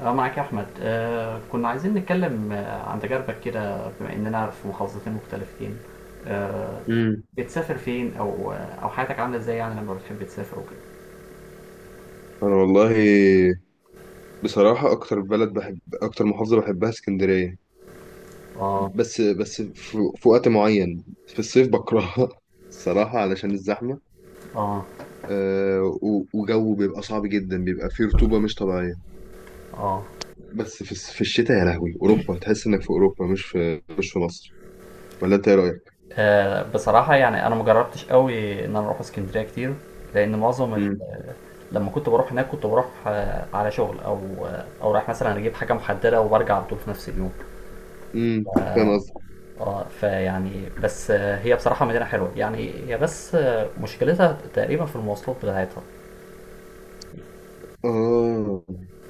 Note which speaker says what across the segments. Speaker 1: اه معاك يا احمد. كنا عايزين نتكلم عن تجاربك كده، بما اننا في محافظتين مختلفتين. آه
Speaker 2: امم
Speaker 1: بتسافر فين، او حياتك عامله ازاي يعني لما بتحب تسافر وكده؟
Speaker 2: انا والله، بصراحة اكتر بلد بحب، اكتر محافظة بحبها اسكندرية.
Speaker 1: اه،
Speaker 2: بس في وقت معين في الصيف بكرهها الصراحة علشان الزحمة.
Speaker 1: اه،
Speaker 2: وجو بيبقى صعب جدا، بيبقى فيه رطوبة مش طبيعية.
Speaker 1: اه،
Speaker 2: بس في الشتاء، يا لهوي اوروبا، تحس انك في اوروبا، مش في مصر. ولا انت ايه رأيك؟
Speaker 1: بصراحه يعني انا ما جربتش قوي ان انا اروح اسكندريه كتير، لان معظم ال-،
Speaker 2: امم
Speaker 1: لما كنت بروح هناك كنت بروح على شغل، او او رايح مثلا اجيب حاجه محدده وبرجع على طول في نفس اليوم.
Speaker 2: فاهم قصدك.
Speaker 1: اه، فيعني بس هي بصراحه مدينه حلوه، يعني هي بس مشكلتها تقريبا في المواصلات بتاعتها.
Speaker 2: اه،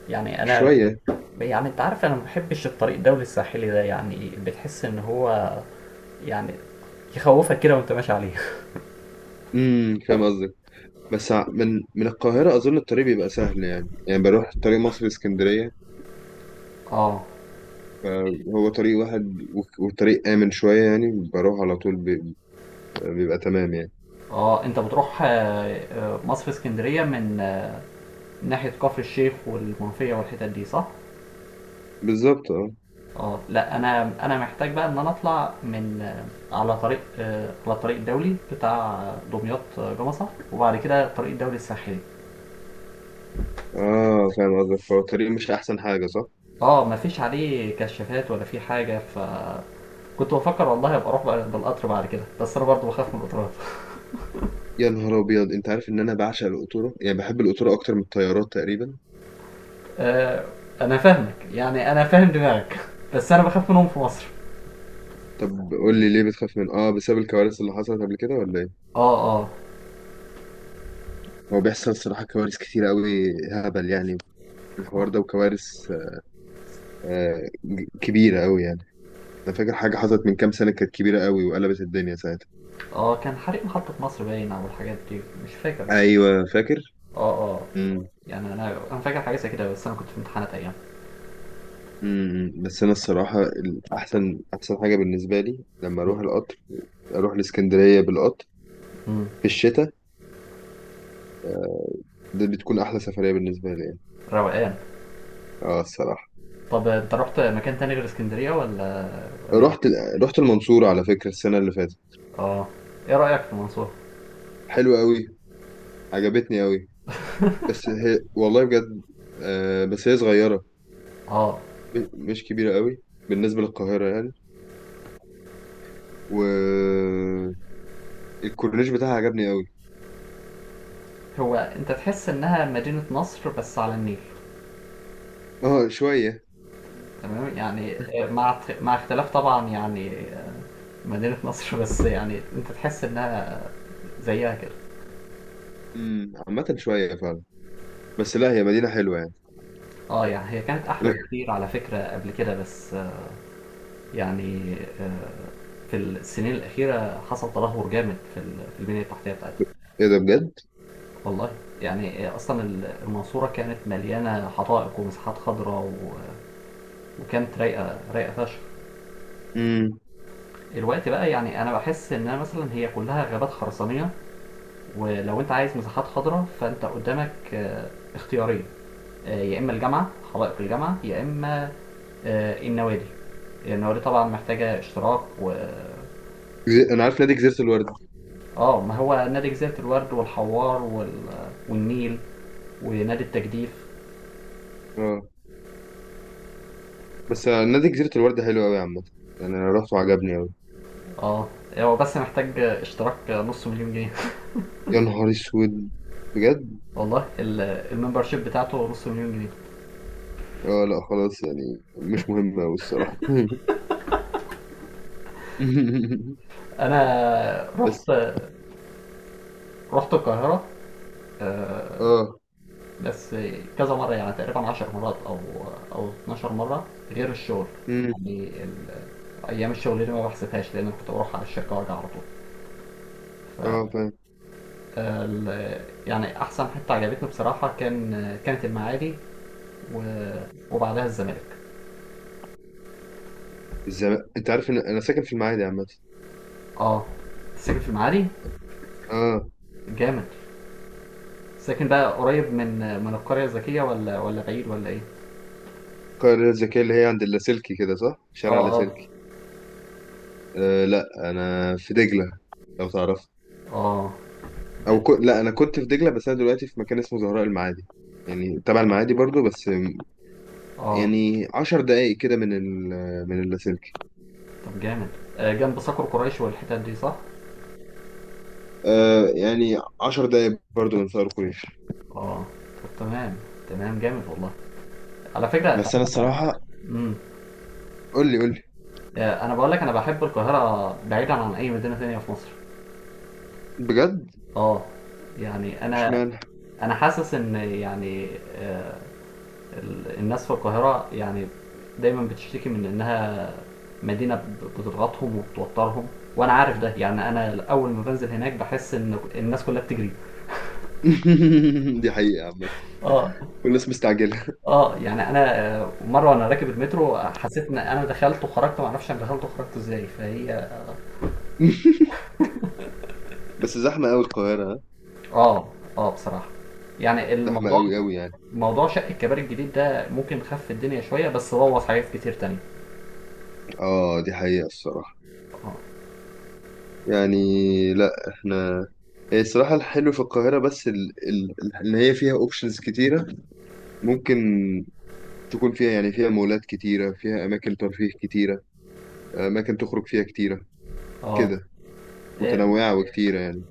Speaker 1: يعني أنا
Speaker 2: شوية.
Speaker 1: يعني أنت عارف، أنا ما باحبش الطريق الدولي الساحلي ده، يعني بتحس إن هو يعني يخوفك كده وأنت ماشي عليه.
Speaker 2: فاهم قصدك. بس من القاهرة أظن الطريق بيبقى سهل، يعني بروح طريق مصر اسكندرية.
Speaker 1: اه،
Speaker 2: فهو طريق واحد، وطريق آمن شوية، يعني بروح على طول بيبقى تمام يعني.
Speaker 1: اه، انت بتروح مصر اسكندريه من ناحيه كفر الشيخ والمنوفيه والحتت دي، صح؟
Speaker 2: بالظبط، اه،
Speaker 1: اه، لا، انا محتاج بقى ان انا اطلع من على طريق على الطريق الدولي بتاع دمياط، جمصه، وبعد كده الطريق الدولي الساحلي.
Speaker 2: اه، فاهم قصدك. فهو الطريق مش أحسن حاجة، صح؟
Speaker 1: اه مفيش عليه كشافات ولا في حاجه. ف كنت بفكر والله ابقى اروح بقى بالقطر بعد كده، بس انا برضه بخاف من القطارات.
Speaker 2: يا نهار أبيض! أنت عارف إن أنا بعشق القطورة، يعني بحب القطورة أكتر من الطيارات تقريبا.
Speaker 1: آه، انا فاهمك، يعني انا فاهم دماغك، بس انا بخاف منهم في مصر.
Speaker 2: طب قول لي، ليه بتخاف من بسبب الكوارث اللي حصلت قبل كده، ولا ايه؟
Speaker 1: اه، اه،
Speaker 2: هو بيحصل صراحة كوارث كتير قوي هبل، يعني في الحوار
Speaker 1: اه،
Speaker 2: ده، وكوارث كبيرة قوي يعني. أنا فاكر حاجة حصلت من كام سنة، كانت كبيرة قوي وقلبت الدنيا ساعتها.
Speaker 1: اه، كان حريق محطة مصر باين، او الحاجات دي مش فاكر، بس
Speaker 2: ايوه، فاكر؟
Speaker 1: اه، اه، يعني انا فاكر حاجة زي كده، بس انا كنت في امتحانات ايام.
Speaker 2: بس انا الصراحه، احسن حاجه بالنسبه لي لما اروح القطر، اروح الاسكندريه بالقطر
Speaker 1: مم.
Speaker 2: في الشتاء. دي بتكون احلى سفريه بالنسبه لي يعني.
Speaker 1: روقان.
Speaker 2: اه الصراحه.
Speaker 1: طب انت رحت مكان تاني غير اسكندرية ولا ولا
Speaker 2: رحت
Speaker 1: ايه؟
Speaker 2: رحت المنصوره على فكره السنه اللي فاتت.
Speaker 1: اه، ايه رأيك في المنصورة؟
Speaker 2: حلوه قوي، عجبتني قوي. بس هي والله بجد، بس هي صغيره،
Speaker 1: اه،
Speaker 2: مش كبيره قوي بالنسبه للقاهره يعني. والكورنيش بتاعها عجبني قوي.
Speaker 1: هو انت تحس انها مدينة نصر بس على النيل؟
Speaker 2: اه، شويه.
Speaker 1: تمام يعني، مع مع اختلاف طبعا يعني، مدينة نصر بس يعني انت تحس انها زيها كده.
Speaker 2: عامه شويه فعلا. بس لا، هي مدينه حلوه يعني.
Speaker 1: اه يعني هي كانت احلى بكتير على فكرة قبل كده، بس يعني آه، في السنين الأخيرة حصل تدهور جامد في في البنية التحتية بتاعتها.
Speaker 2: ايه ده؟ بجد!
Speaker 1: والله يعني، أصلا المنصورة كانت مليانة حدائق ومساحات خضراء، وكانت رايقة فشخ.
Speaker 2: امم
Speaker 1: الوقت بقى يعني أنا بحس إنها مثلا هي كلها غابات خرسانية. ولو انت عايز مساحات خضراء، فانت قدامك اختيارين، يا اما الجامعه، حدائق الجامعه، يا اما النوادي. النوادي طبعا محتاجه اشتراك. و
Speaker 2: انا عارف نادي جزيرة الورد.
Speaker 1: اه، ما هو نادي جزيره الورد والحوار وال-، والنيل، ونادي التجديف.
Speaker 2: اه، بس نادي جزيرة الورد حلو قوي عامة، يعني انا رحت وعجبني قوي.
Speaker 1: اه هو بس محتاج اشتراك نص مليون جنيه.
Speaker 2: يا نهار اسود! بجد!
Speaker 1: والله ال-، الممبرشيب بتاعته نص مليون جنيه.
Speaker 2: اه، لا خلاص يعني، مش مهم قوي الصراحة.
Speaker 1: انا رحت،
Speaker 2: بس،
Speaker 1: رحت القاهره آه،
Speaker 2: اه،
Speaker 1: بس كذا مرة، يعني تقريبا 10 مرات، أو 12 مرة غير الشغل.
Speaker 2: امم،
Speaker 1: يعني ال-، أيام الشغل دي ما بحسبهاش، لأن كنت بروح على الشركة وأرجع على طول.
Speaker 2: اه، فاهم.
Speaker 1: ال- يعني أحسن حتة عجبتني بصراحة كان، كانت المعادي، و- وبعدها الزمالك.
Speaker 2: الزمالك، انت عارف ان انا ساكن في المعادي عامة.
Speaker 1: اه ساكن في المعادي.
Speaker 2: اه.
Speaker 1: جامد. ساكن بقى قريب من من القرية الذكية، ولا ولا بعيد، ولا إيه؟
Speaker 2: القرية الذكية اللي هي عند اللاسلكي كده، صح؟ شارع
Speaker 1: اه، اه،
Speaker 2: اللاسلكي. آه لا، انا في دجلة، لو تعرف.
Speaker 1: اه،
Speaker 2: لا، انا كنت في دجلة، بس انا دلوقتي في مكان اسمه زهراء المعادي، يعني تبع المعادي برضو بس.
Speaker 1: اه،
Speaker 2: يعني 10 دقايق كده من اللاسلكي.
Speaker 1: طب جامد. جنب صقر قريش والحتت دي، صح؟
Speaker 2: آه، يعني عشر دقايق برضو من ثائر قريش.
Speaker 1: اه، طب تمام. تمام جامد والله. على فكرة انت
Speaker 2: بس أنا
Speaker 1: عارف.
Speaker 2: الصراحة،
Speaker 1: امم.
Speaker 2: قول لي، قول لي.
Speaker 1: انا بقول لك، انا بحب القاهرة بعيدا عن اي مدينة ثانية في مصر.
Speaker 2: بجد؟
Speaker 1: اه يعني انا
Speaker 2: اشمعنى؟
Speaker 1: انا حاسس ان يعني ال- الناس في القاهرة يعني دايما بتشتكي من انها مدينة بتضغطهم وبتوترهم، وانا عارف ده، يعني انا اول ما بنزل هناك بحس ان الناس كلها بتجري.
Speaker 2: دي حقيقة عامة،
Speaker 1: اه،
Speaker 2: والناس مستعجلة.
Speaker 1: اه يعني انا مره وانا راكب المترو حسيت ان انا دخلت وخرجت ما اعرفش انا دخلت وخرجت ازاي، فهي
Speaker 2: بس زحمة أوي القاهرة، ها؟
Speaker 1: اه، اه بصراحه. يعني
Speaker 2: زحمة
Speaker 1: الموضوع،
Speaker 2: أوي أوي يعني.
Speaker 1: موضوع شق الكباري الجديد ده، ممكن خف الدنيا شوية بس بوظ حاجات كتير تانية.
Speaker 2: اه، دي حقيقة الصراحة
Speaker 1: اه،
Speaker 2: يعني. لا احنا، هي الصراحة الحلو في القاهرة بس إن هي فيها أوبشنز كتيرة. ممكن تكون فيها، يعني فيها مولات كتيرة، فيها أماكن ترفيه كتيرة، أماكن تخرج فيها كتيرة
Speaker 1: اه،
Speaker 2: كده،
Speaker 1: إيه،
Speaker 2: متنوعة وكتيرة يعني.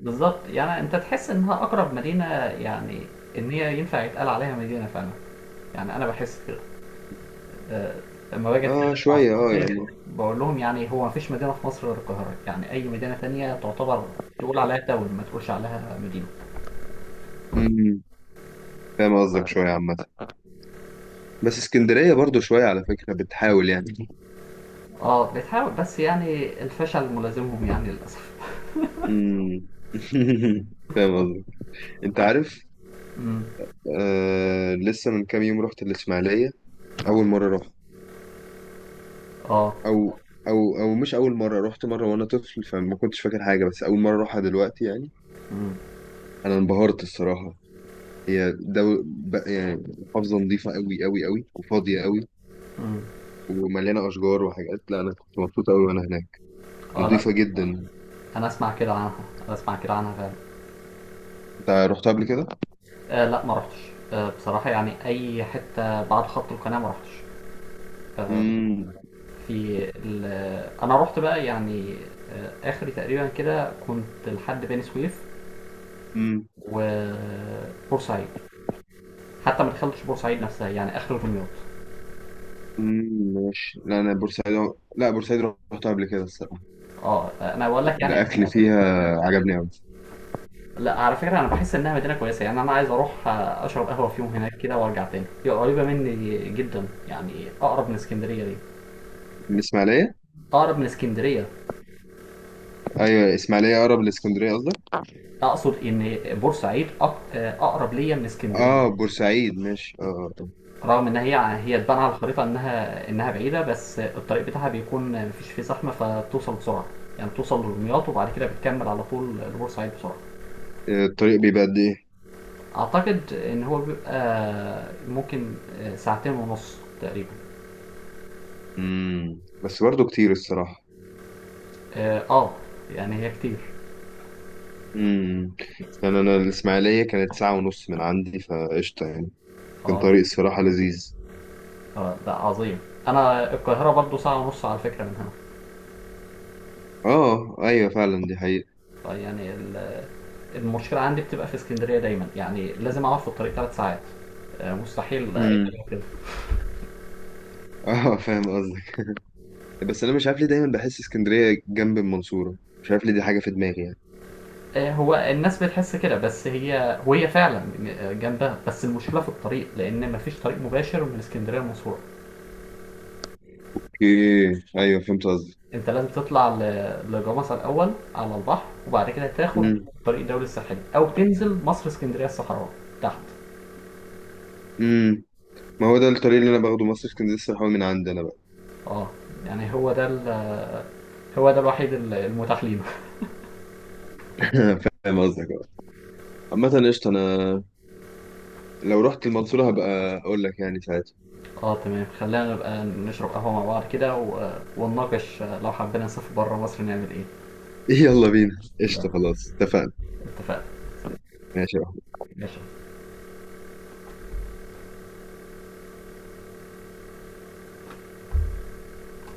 Speaker 1: بالظبط يعني انت تحس انها اقرب مدينة، يعني ان هي ينفع يتقال عليها مدينة فعلا. يعني انا بحس كده، آه، لما باجي اتكلم
Speaker 2: اه
Speaker 1: مع
Speaker 2: شوية، اه
Speaker 1: اصحابي
Speaker 2: يعني.
Speaker 1: بقول لهم يعني هو مفيش مدينة في مصر غير القاهرة، يعني اي مدينة تانية تعتبر، تقول عليها تاون، ما تقولش عليها مدينة.
Speaker 2: امم فاهم قصدك، شوية عامة. بس اسكندرية برضو شوية، على فكرة بتحاول يعني.
Speaker 1: اه بتحاول، بس يعني الفشل ملازمهم يعني للاسف.
Speaker 2: امم فاهم قصدك. انت عارف،
Speaker 1: امم،
Speaker 2: آه لسه من كام يوم رحت الإسماعيلية أول مرة رحت،
Speaker 1: اه،
Speaker 2: أو أو مش أول مرة، رحت مرة وأنا طفل فما كنتش فاكر حاجة، بس أول مرة أروحها دلوقتي يعني.
Speaker 1: امم،
Speaker 2: أنا انبهرت الصراحة. هي يعني محافظة نظيفة أوي أوي أوي، وفاضية أوي
Speaker 1: امم،
Speaker 2: ومليانة أشجار وحاجات. لا، أنا كنت مبسوط أوي وأنا هناك،
Speaker 1: اه لا
Speaker 2: نضيفة جدا.
Speaker 1: انا اسمع كده عنها، انا اسمع كده عنها فعلا.
Speaker 2: انت رحتها قبل كده؟
Speaker 1: آه لا ما رحتش. آه بصراحه يعني اي حته بعد خط القناه ما رحتش.
Speaker 2: امم
Speaker 1: في ال-، انا رحت بقى يعني اخري تقريبا كده كنت لحد بني سويف،
Speaker 2: امم
Speaker 1: وبورسعيد. حتى ما دخلتش بورسعيد نفسها، يعني اخر دمياط.
Speaker 2: ماشي. لا، انا بورسعيد، لا بورسعيد رحتها قبل كده الصراحة.
Speaker 1: اه انا بقول لك يعني،
Speaker 2: الاكل فيها عجبني قوي.
Speaker 1: لا على فكره انا بحس انها مدينه كويسه، يعني انا عايز اروح اشرب قهوه فيهم هناك كده وارجع تاني، هي قريبه مني جدا، يعني اقرب من اسكندريه دي.
Speaker 2: الاسماعيلية؟
Speaker 1: اقرب من اسكندريه.
Speaker 2: ايوه، الاسماعيلية اقرب لاسكندرية قصدك؟
Speaker 1: اقصد ان بورسعيد اقرب ليا من
Speaker 2: اه،
Speaker 1: اسكندريه،
Speaker 2: بورسعيد، ماشي، اه.
Speaker 1: رغم ان هي تبان على الخريطه انها بعيده، بس الطريق بتاعها بيكون مفيش فيه زحمه فبتوصل بسرعه، يعني توصل لدمياط وبعد كده بتكمل على طول لبورسعيد بسرعه.
Speaker 2: آه. الطريق بيبقى قد ايه؟
Speaker 1: اعتقد ان هو بيبقى ممكن ساعتين ونص تقريبا.
Speaker 2: بس برضه كتير الصراحة.
Speaker 1: اه، يعني هي كتير.
Speaker 2: امم يعني انا الاسماعيلية كانت ساعة ونص من عندي فقشطة يعني. كان
Speaker 1: اه،
Speaker 2: طريق الصراحة لذيذ.
Speaker 1: اه ده عظيم. انا القاهره برضو ساعه ونص على فكره من هنا.
Speaker 2: اه، ايوه فعلا، دي حقيقة.
Speaker 1: طيب يعني ال-، المشكله عندي بتبقى في اسكندريه دايما، يعني لازم اقعد في الطريق ثلاث ساعات، مستحيل اي
Speaker 2: امم،
Speaker 1: حاجه كده.
Speaker 2: اه، فاهم قصدك. بس انا مش عارف ليه دايما بحس اسكندريه جنب المنصوره، مش عارف ليه، دي حاجه في دماغي يعني.
Speaker 1: هو الناس بتحس كده، بس هي فعلا جنبها، بس المشكله في الطريق لان مفيش طريق مباشر من اسكندريه لمنصوره.
Speaker 2: اوكي، ايوه فهمت قصدي.
Speaker 1: انت لازم تطلع لجمصة الاول على البحر وبعد كده تاخد
Speaker 2: امم
Speaker 1: طريق الدولي الساحلي، او تنزل مصر اسكندريه الصحراء تحت.
Speaker 2: امم ما هو ده الطريق اللي انا باخده، مصر اسكندريه الصراحه من عندي انا بقى.
Speaker 1: اه يعني هو ده ال-، هو ده الوحيد ال- المتاح لينا.
Speaker 2: فاهم قصدك بقى. عامه قشطه، انا لو رحت المنصوره هبقى اقول لك يعني ساعتها.
Speaker 1: اه تمام، خلينا نبقى نشرب قهوه مع بعض كده ونناقش لو حبينا نسافر بره مصر نعمل ايه.
Speaker 2: يلا بينا، قشطه، خلاص اتفقنا.
Speaker 1: اتفقنا. طيب،
Speaker 2: ماشي.
Speaker 1: ماشي.